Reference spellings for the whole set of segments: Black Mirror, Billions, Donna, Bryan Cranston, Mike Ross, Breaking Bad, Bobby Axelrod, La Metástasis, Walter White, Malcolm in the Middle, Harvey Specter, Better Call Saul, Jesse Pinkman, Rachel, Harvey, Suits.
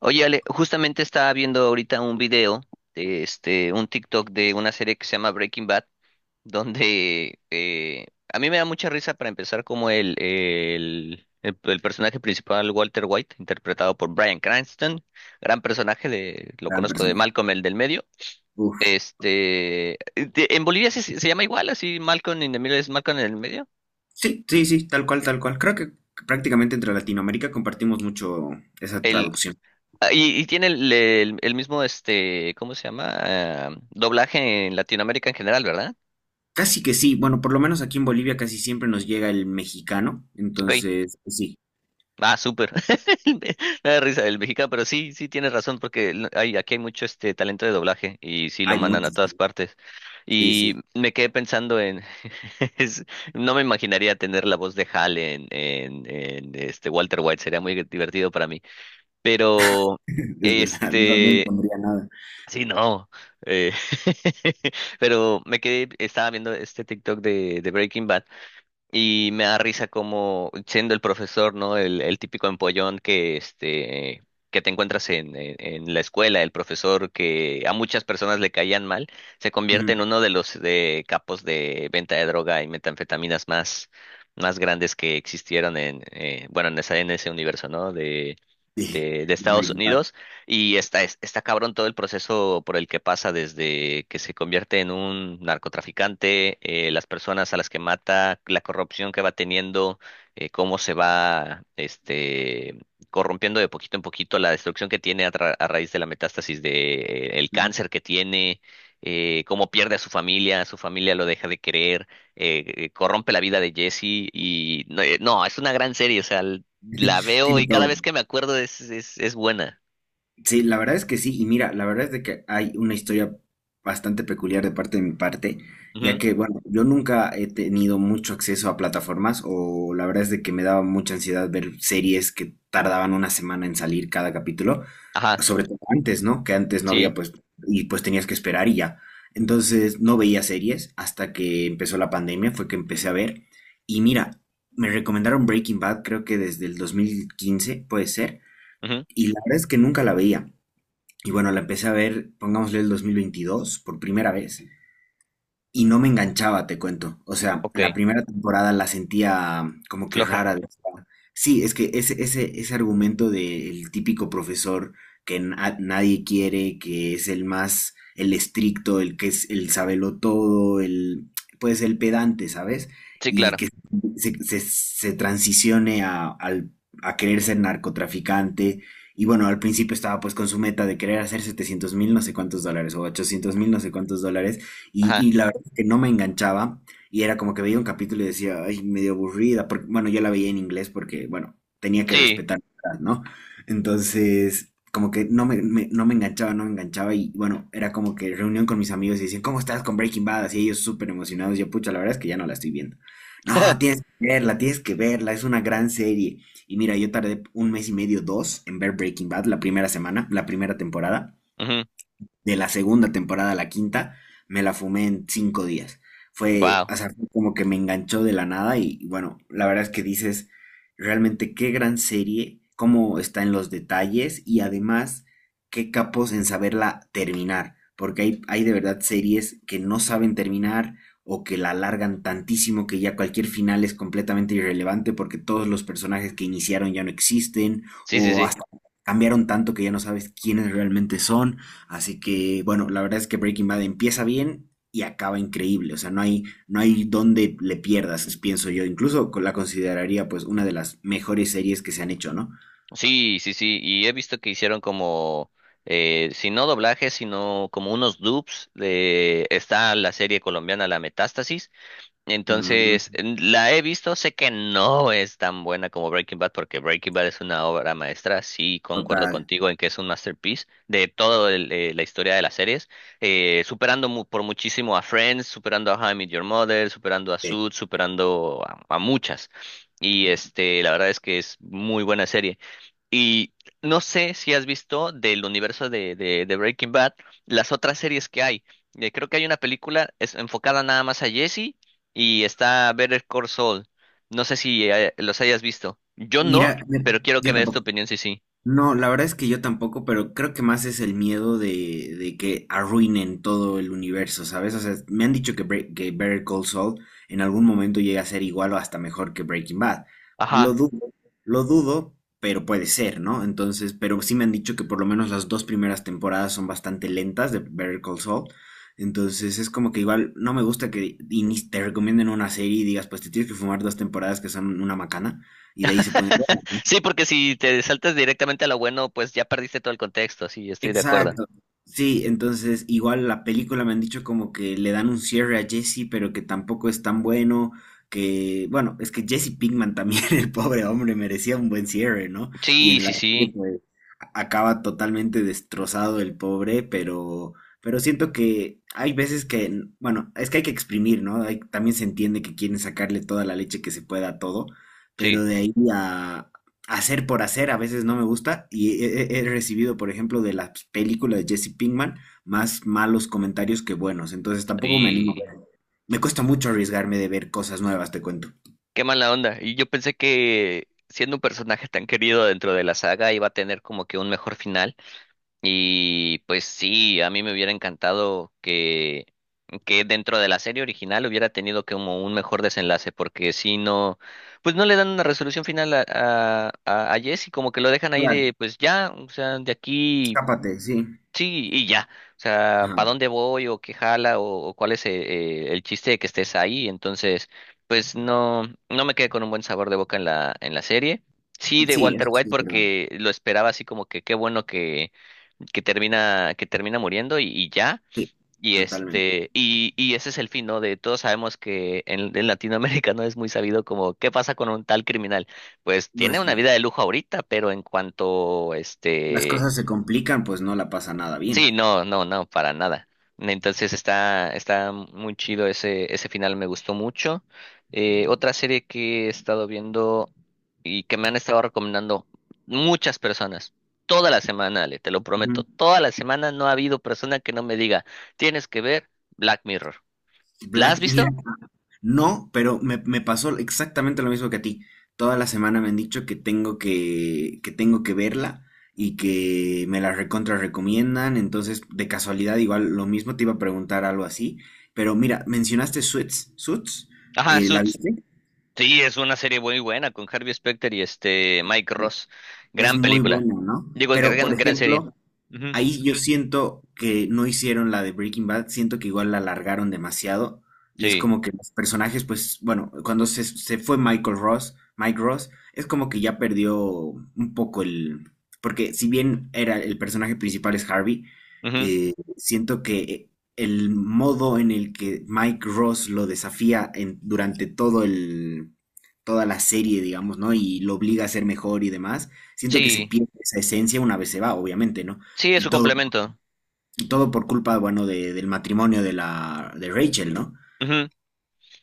Oye, Ale, justamente estaba viendo ahorita un video un TikTok de una serie que se llama Breaking Bad, donde a mí me da mucha risa para empezar como el personaje principal, Walter White, interpretado por Bryan Cranston, gran personaje de, lo Gran conozco de personaje. Malcolm, el del medio. Uf. Este, en Bolivia se llama igual, así Malcolm in the Middle es Malcolm en el medio. Sí, sí, sí, tal cual, tal cual. Creo que prácticamente entre Latinoamérica compartimos mucho esa El, traducción. y tiene el mismo, este, ¿cómo se llama? Ah, doblaje en Latinoamérica en general, ¿verdad? Casi que sí, bueno, por lo menos aquí en Bolivia casi siempre nos llega el mexicano, Ok. entonces pues sí, Ah, súper. Me da risa el mexicano, pero sí, sí tienes razón, porque aquí hay mucho este talento de doblaje y sí lo hay mandan a muchos. todas partes. Sí, Y sí, me quedé pensando en, es- no me imaginaría tener la voz de Hal en este Walter White, sería muy divertido para mí. Pero, es verdad, no, no este, impondría nada. sí, no. eh, pero me quedé, estaba viendo este TikTok de Breaking Bad. Y me da risa como siendo el profesor, ¿no? El típico empollón que que te encuentras en la escuela, el profesor que a muchas personas le caían mal, se convierte en Ujú. uno de los de capos de venta de droga y metanfetaminas más, más grandes que existieron en bueno en esa, en ese universo, ¿no? De, Sí, de el Estados Breaking Bad. Unidos. Y está, está cabrón todo el proceso por el que pasa desde que se convierte en un narcotraficante, las personas a las que mata, la corrupción que va teniendo, cómo se va este, corrompiendo de poquito en poquito, la destrucción que tiene a, a raíz de la metástasis de, el Ujú. cáncer que tiene, cómo pierde a su familia lo deja de querer, corrompe la vida de Jesse y no, no, es una gran serie, o sea, la veo y Tiene cada todo. vez que me acuerdo es buena. Sí, la verdad es que sí, y mira, la verdad es de que hay una historia bastante peculiar de parte de mi parte, ya que, bueno, yo nunca he tenido mucho acceso a plataformas, o la verdad es de que me daba mucha ansiedad ver series que tardaban una semana en salir cada capítulo, Ajá, sobre todo antes, ¿no? Que antes no sí. había, pues, y pues tenías que esperar y ya. Entonces no veía series hasta que empezó la pandemia, fue que empecé a ver, y mira, me recomendaron Breaking Bad, creo que desde el 2015, puede ser, Ujú. y la verdad es que nunca la veía. Y bueno, la empecé a ver, pongámosle el 2022, por primera vez. ¿Eh? Y no me enganchaba, te cuento. O sea, Ok. la primera temporada la sentía como que Floja. rara. Decía, sí, es que ese argumento del típico profesor que nadie quiere, que es el más, el estricto, el que es el sabelo todo, el, pues el pedante, ¿sabes? Sí, Y claro. que se transicione a querer ser narcotraficante. Y bueno, al principio estaba pues con su meta de querer hacer 700 mil no sé cuántos dólares o 800 mil no sé cuántos dólares. Y, Ajá. y la que no me enganchaba y era como que veía un capítulo y decía, ay, medio aburrida, porque, bueno, yo la veía en inglés porque, bueno, tenía que Sí. respetar, ¿no? Entonces, como que no no me enganchaba, no me enganchaba y, bueno, era como que reunión con mis amigos y decían, ¿cómo estás con Breaking Bad? Así ellos súper emocionados, yo, pucha, la verdad es que ya no la estoy viendo. No, tienes que verla, es una gran serie. Y mira, yo tardé un mes y medio, dos, en ver Breaking Bad, la primera semana, la primera temporada Ujú. de la segunda temporada a la quinta, me la fumé en cinco días. Fue, Wow. o sea, fue como que me enganchó de la nada y bueno, la verdad es que dices, realmente qué gran serie, cómo está en los detalles y además qué capos en saberla terminar, porque hay de verdad series que no saben terminar o que la alargan tantísimo que ya cualquier final es completamente irrelevante porque todos los personajes que iniciaron ya no existen Sí, sí, o sí. hasta cambiaron tanto que ya no sabes quiénes realmente son. Así que, bueno, la verdad es que Breaking Bad empieza bien y acaba increíble. O sea, no hay donde le pierdas, pienso yo. Incluso la consideraría pues una de las mejores series que se han hecho, ¿no? Sí, sí, sí. Y he visto que hicieron como, si no doblajes, sino como unos dubs de… Está la serie colombiana La Metástasis. Entonces, Mm, la he visto, sé que no es tan buena como Breaking Bad, porque Breaking Bad es una obra maestra, sí concuerdo total. contigo en que es un masterpiece de toda la historia de las series, superando por muchísimo a Friends, superando a How I Met Your Mother, superando a Eh, Suits, superando a muchas. Y este, la verdad es que es muy buena serie. Y no sé si has visto del universo de, de Breaking Bad las otras series que hay. Creo que hay una película es enfocada nada más a Jesse y está Better Call Saul. No sé si los hayas visto. Yo no, Mira, pero quiero que yo me des tu tampoco. opinión si sí. No, la verdad es que yo tampoco, pero creo que más es el miedo de que arruinen todo el universo, ¿sabes? O sea, me han dicho que, que Better Call Saul en algún momento llega a ser igual o hasta mejor que Breaking Bad. Lo Ajá. dudo, lo dudo, pero puede ser, ¿no? Entonces, pero sí me han dicho que por lo menos las dos primeras temporadas son bastante lentas de Better Call Saul. Entonces es como que igual no me gusta que te recomienden una serie y digas, pues te tienes que fumar dos temporadas que son una macana y de ahí se pueden. Sí, porque si te saltas directamente a lo bueno, pues ya perdiste todo el contexto. Sí, estoy de acuerdo. Exacto. Sí, entonces igual la película me han dicho como que le dan un cierre a Jesse, pero que tampoco es tan bueno, que bueno, es que Jesse Pinkman también, el pobre hombre, merecía un buen cierre, ¿no? Y Sí, en la sí, serie, sí, pues, acaba totalmente destrozado el pobre, pero siento que hay veces que, bueno, es que hay que exprimir, ¿no? También se entiende que quieren sacarle toda la leche que se pueda a todo, pero sí. de ahí a hacer por hacer a veces no me gusta y he, he recibido, por ejemplo, de las películas de Jesse Pinkman más malos comentarios que buenos, entonces tampoco me animo a Y ver. Me cuesta mucho arriesgarme de ver cosas nuevas, te cuento. qué mala onda. Y yo pensé que siendo un personaje tan querido dentro de la saga iba a tener como que un mejor final. Y pues sí, a mí me hubiera encantado que dentro de la serie original hubiera tenido como un mejor desenlace, porque si no, pues no le dan una resolución final a, a Jesse, como que lo dejan ahí Claro, de pues ya, o sea, de aquí. escápate, sí. Sí, y ya. O sea, Ajá. ¿para dónde voy o qué jala o cuál es el chiste de que estés ahí? Entonces, pues no, no me quedé con un buen sabor de boca en la serie. Sí, de Sí, Walter eso White sí es verdad. porque lo esperaba así como que qué bueno que termina muriendo y ya. Sí, Y totalmente. este, y ese es el fin, ¿no? De todos sabemos que en Latinoamérica no es muy sabido como qué pasa con un tal criminal. Pues tiene Pues sí. una vida de lujo ahorita, pero en cuanto Las este… cosas se complican, pues no la pasa nada Sí, bien. no, no, no, para nada. Entonces está, está muy chido ese, ese final, me gustó mucho. Otra serie que he estado viendo y que me han estado recomendando muchas personas, toda la semana, Ale, te lo prometo, Ujú. toda la semana no ha habido persona que no me diga, tienes que ver Black Mirror. ¿La has Black, mira, visto? no, pero me pasó exactamente lo mismo que a ti. Toda la semana me han dicho que tengo que verla y que me la recontra recomiendan. Entonces, de casualidad, igual lo mismo te iba a preguntar algo así. Pero mira, mencionaste Suits. Suits, Ajá, ¿la Suits. viste? Sí, es una serie muy buena con Harvey Specter y este Mike Ross. Es Gran muy película. buena, ¿no? Digo, Pero, por gran, gran serie. ejemplo, Ujú. ahí yo siento que no hicieron la de Breaking Bad, siento que igual la alargaron demasiado y es Sí. como que los personajes, pues bueno, cuando se fue Michael Ross, Mike Ross, es como que ya perdió un poco el... Porque si bien era el personaje principal es Harvey, Ujú. Siento que el modo en el que Mike Ross lo desafía durante todo el, toda la serie, digamos, ¿no? Y lo obliga a ser mejor y demás, siento que se Sí. pierde esa esencia una vez se va, obviamente, ¿no? Sí, es Y su todo, complemento. y todo por culpa, bueno, del matrimonio de la de Rachel, ¿no? Ujú.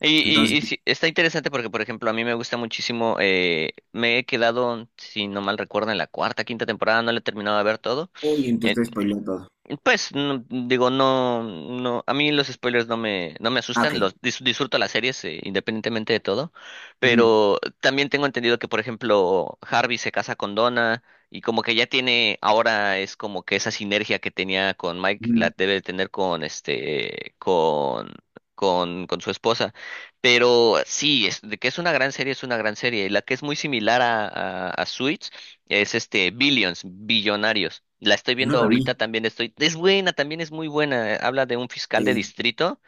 Y Entonces, sí, está interesante porque, por ejemplo, a mí me gusta muchísimo, me he quedado, si no mal recuerdo, en la cuarta, quinta temporada, no la he terminado de ver todo, uy, entonces eh, te spoileo todo. pues digo, no, no, a mí los spoilers no me, no me Ah, ok. asustan, los disfruto las series independientemente de todo, Ujú, pero también tengo entendido que, por ejemplo, Harvey se casa con Donna y como que ya tiene, ahora es como que esa sinergia que tenía con Mike ujú. la debe de tener con este, con, con su esposa, pero sí, es, de que es una gran serie, es una gran serie, y la que es muy similar a, a Suits es este, Billions, Billonarios. La estoy No viendo la vi. ahorita, también estoy. Es buena, también es muy buena. Eh, habla de un fiscal de Ok. distrito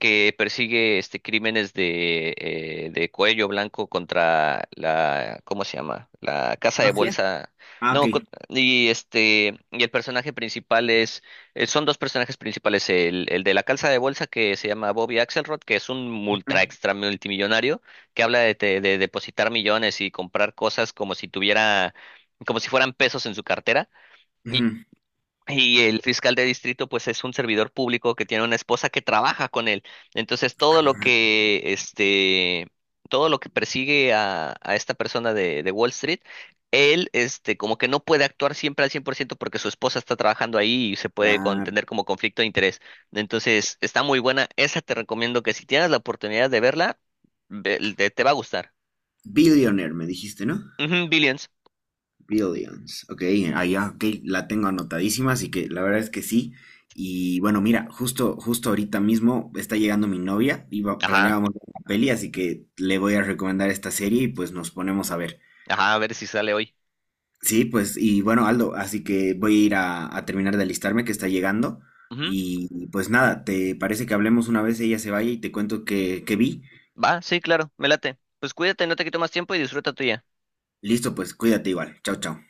que persigue este crímenes de cuello blanco contra la, ¿cómo se llama? La casa de ¿Mafia? bolsa. Ah, ok. No, y este, y el personaje principal es, son dos personajes principales, el de la casa de bolsa que se llama Bobby Axelrod, que es un multra Ujú, extra multimillonario, que habla de, de depositar millones y comprar cosas como si tuviera como si fueran pesos en su cartera. Y, ujú. y el fiscal de distrito, pues es un servidor público que tiene una esposa que trabaja con él. Entonces, todo lo que, este, todo lo que persigue a esta persona de Wall Street, él, este, como que no puede actuar siempre al 100% porque su esposa está trabajando ahí y se puede Claro. contener como conflicto de interés. Entonces, está muy buena. Esa te recomiendo que si tienes la oportunidad de verla, te, te va a gustar. Billionaire, me dijiste, ¿no? Ujú, Billions. Billions. Ok, ah, ya, ok, la tengo anotadísima, así que la verdad es que sí. Y bueno, mira, justo, justo ahorita mismo está llegando mi novia, iba, Ajá, planeábamos ver una peli, así que le voy a recomendar esta serie y pues nos ponemos a ver. ajá, a ver si sale hoy. Sí, pues, y bueno, Aldo, así que voy a ir a terminar de alistarme que está llegando. Y pues nada, ¿te parece que hablemos una vez ella se vaya y te cuento que vi? Va, sí, claro, me late. Pues cuídate, no te quito más tiempo y disfruta tuya. Listo, pues cuídate igual. Chao, chao.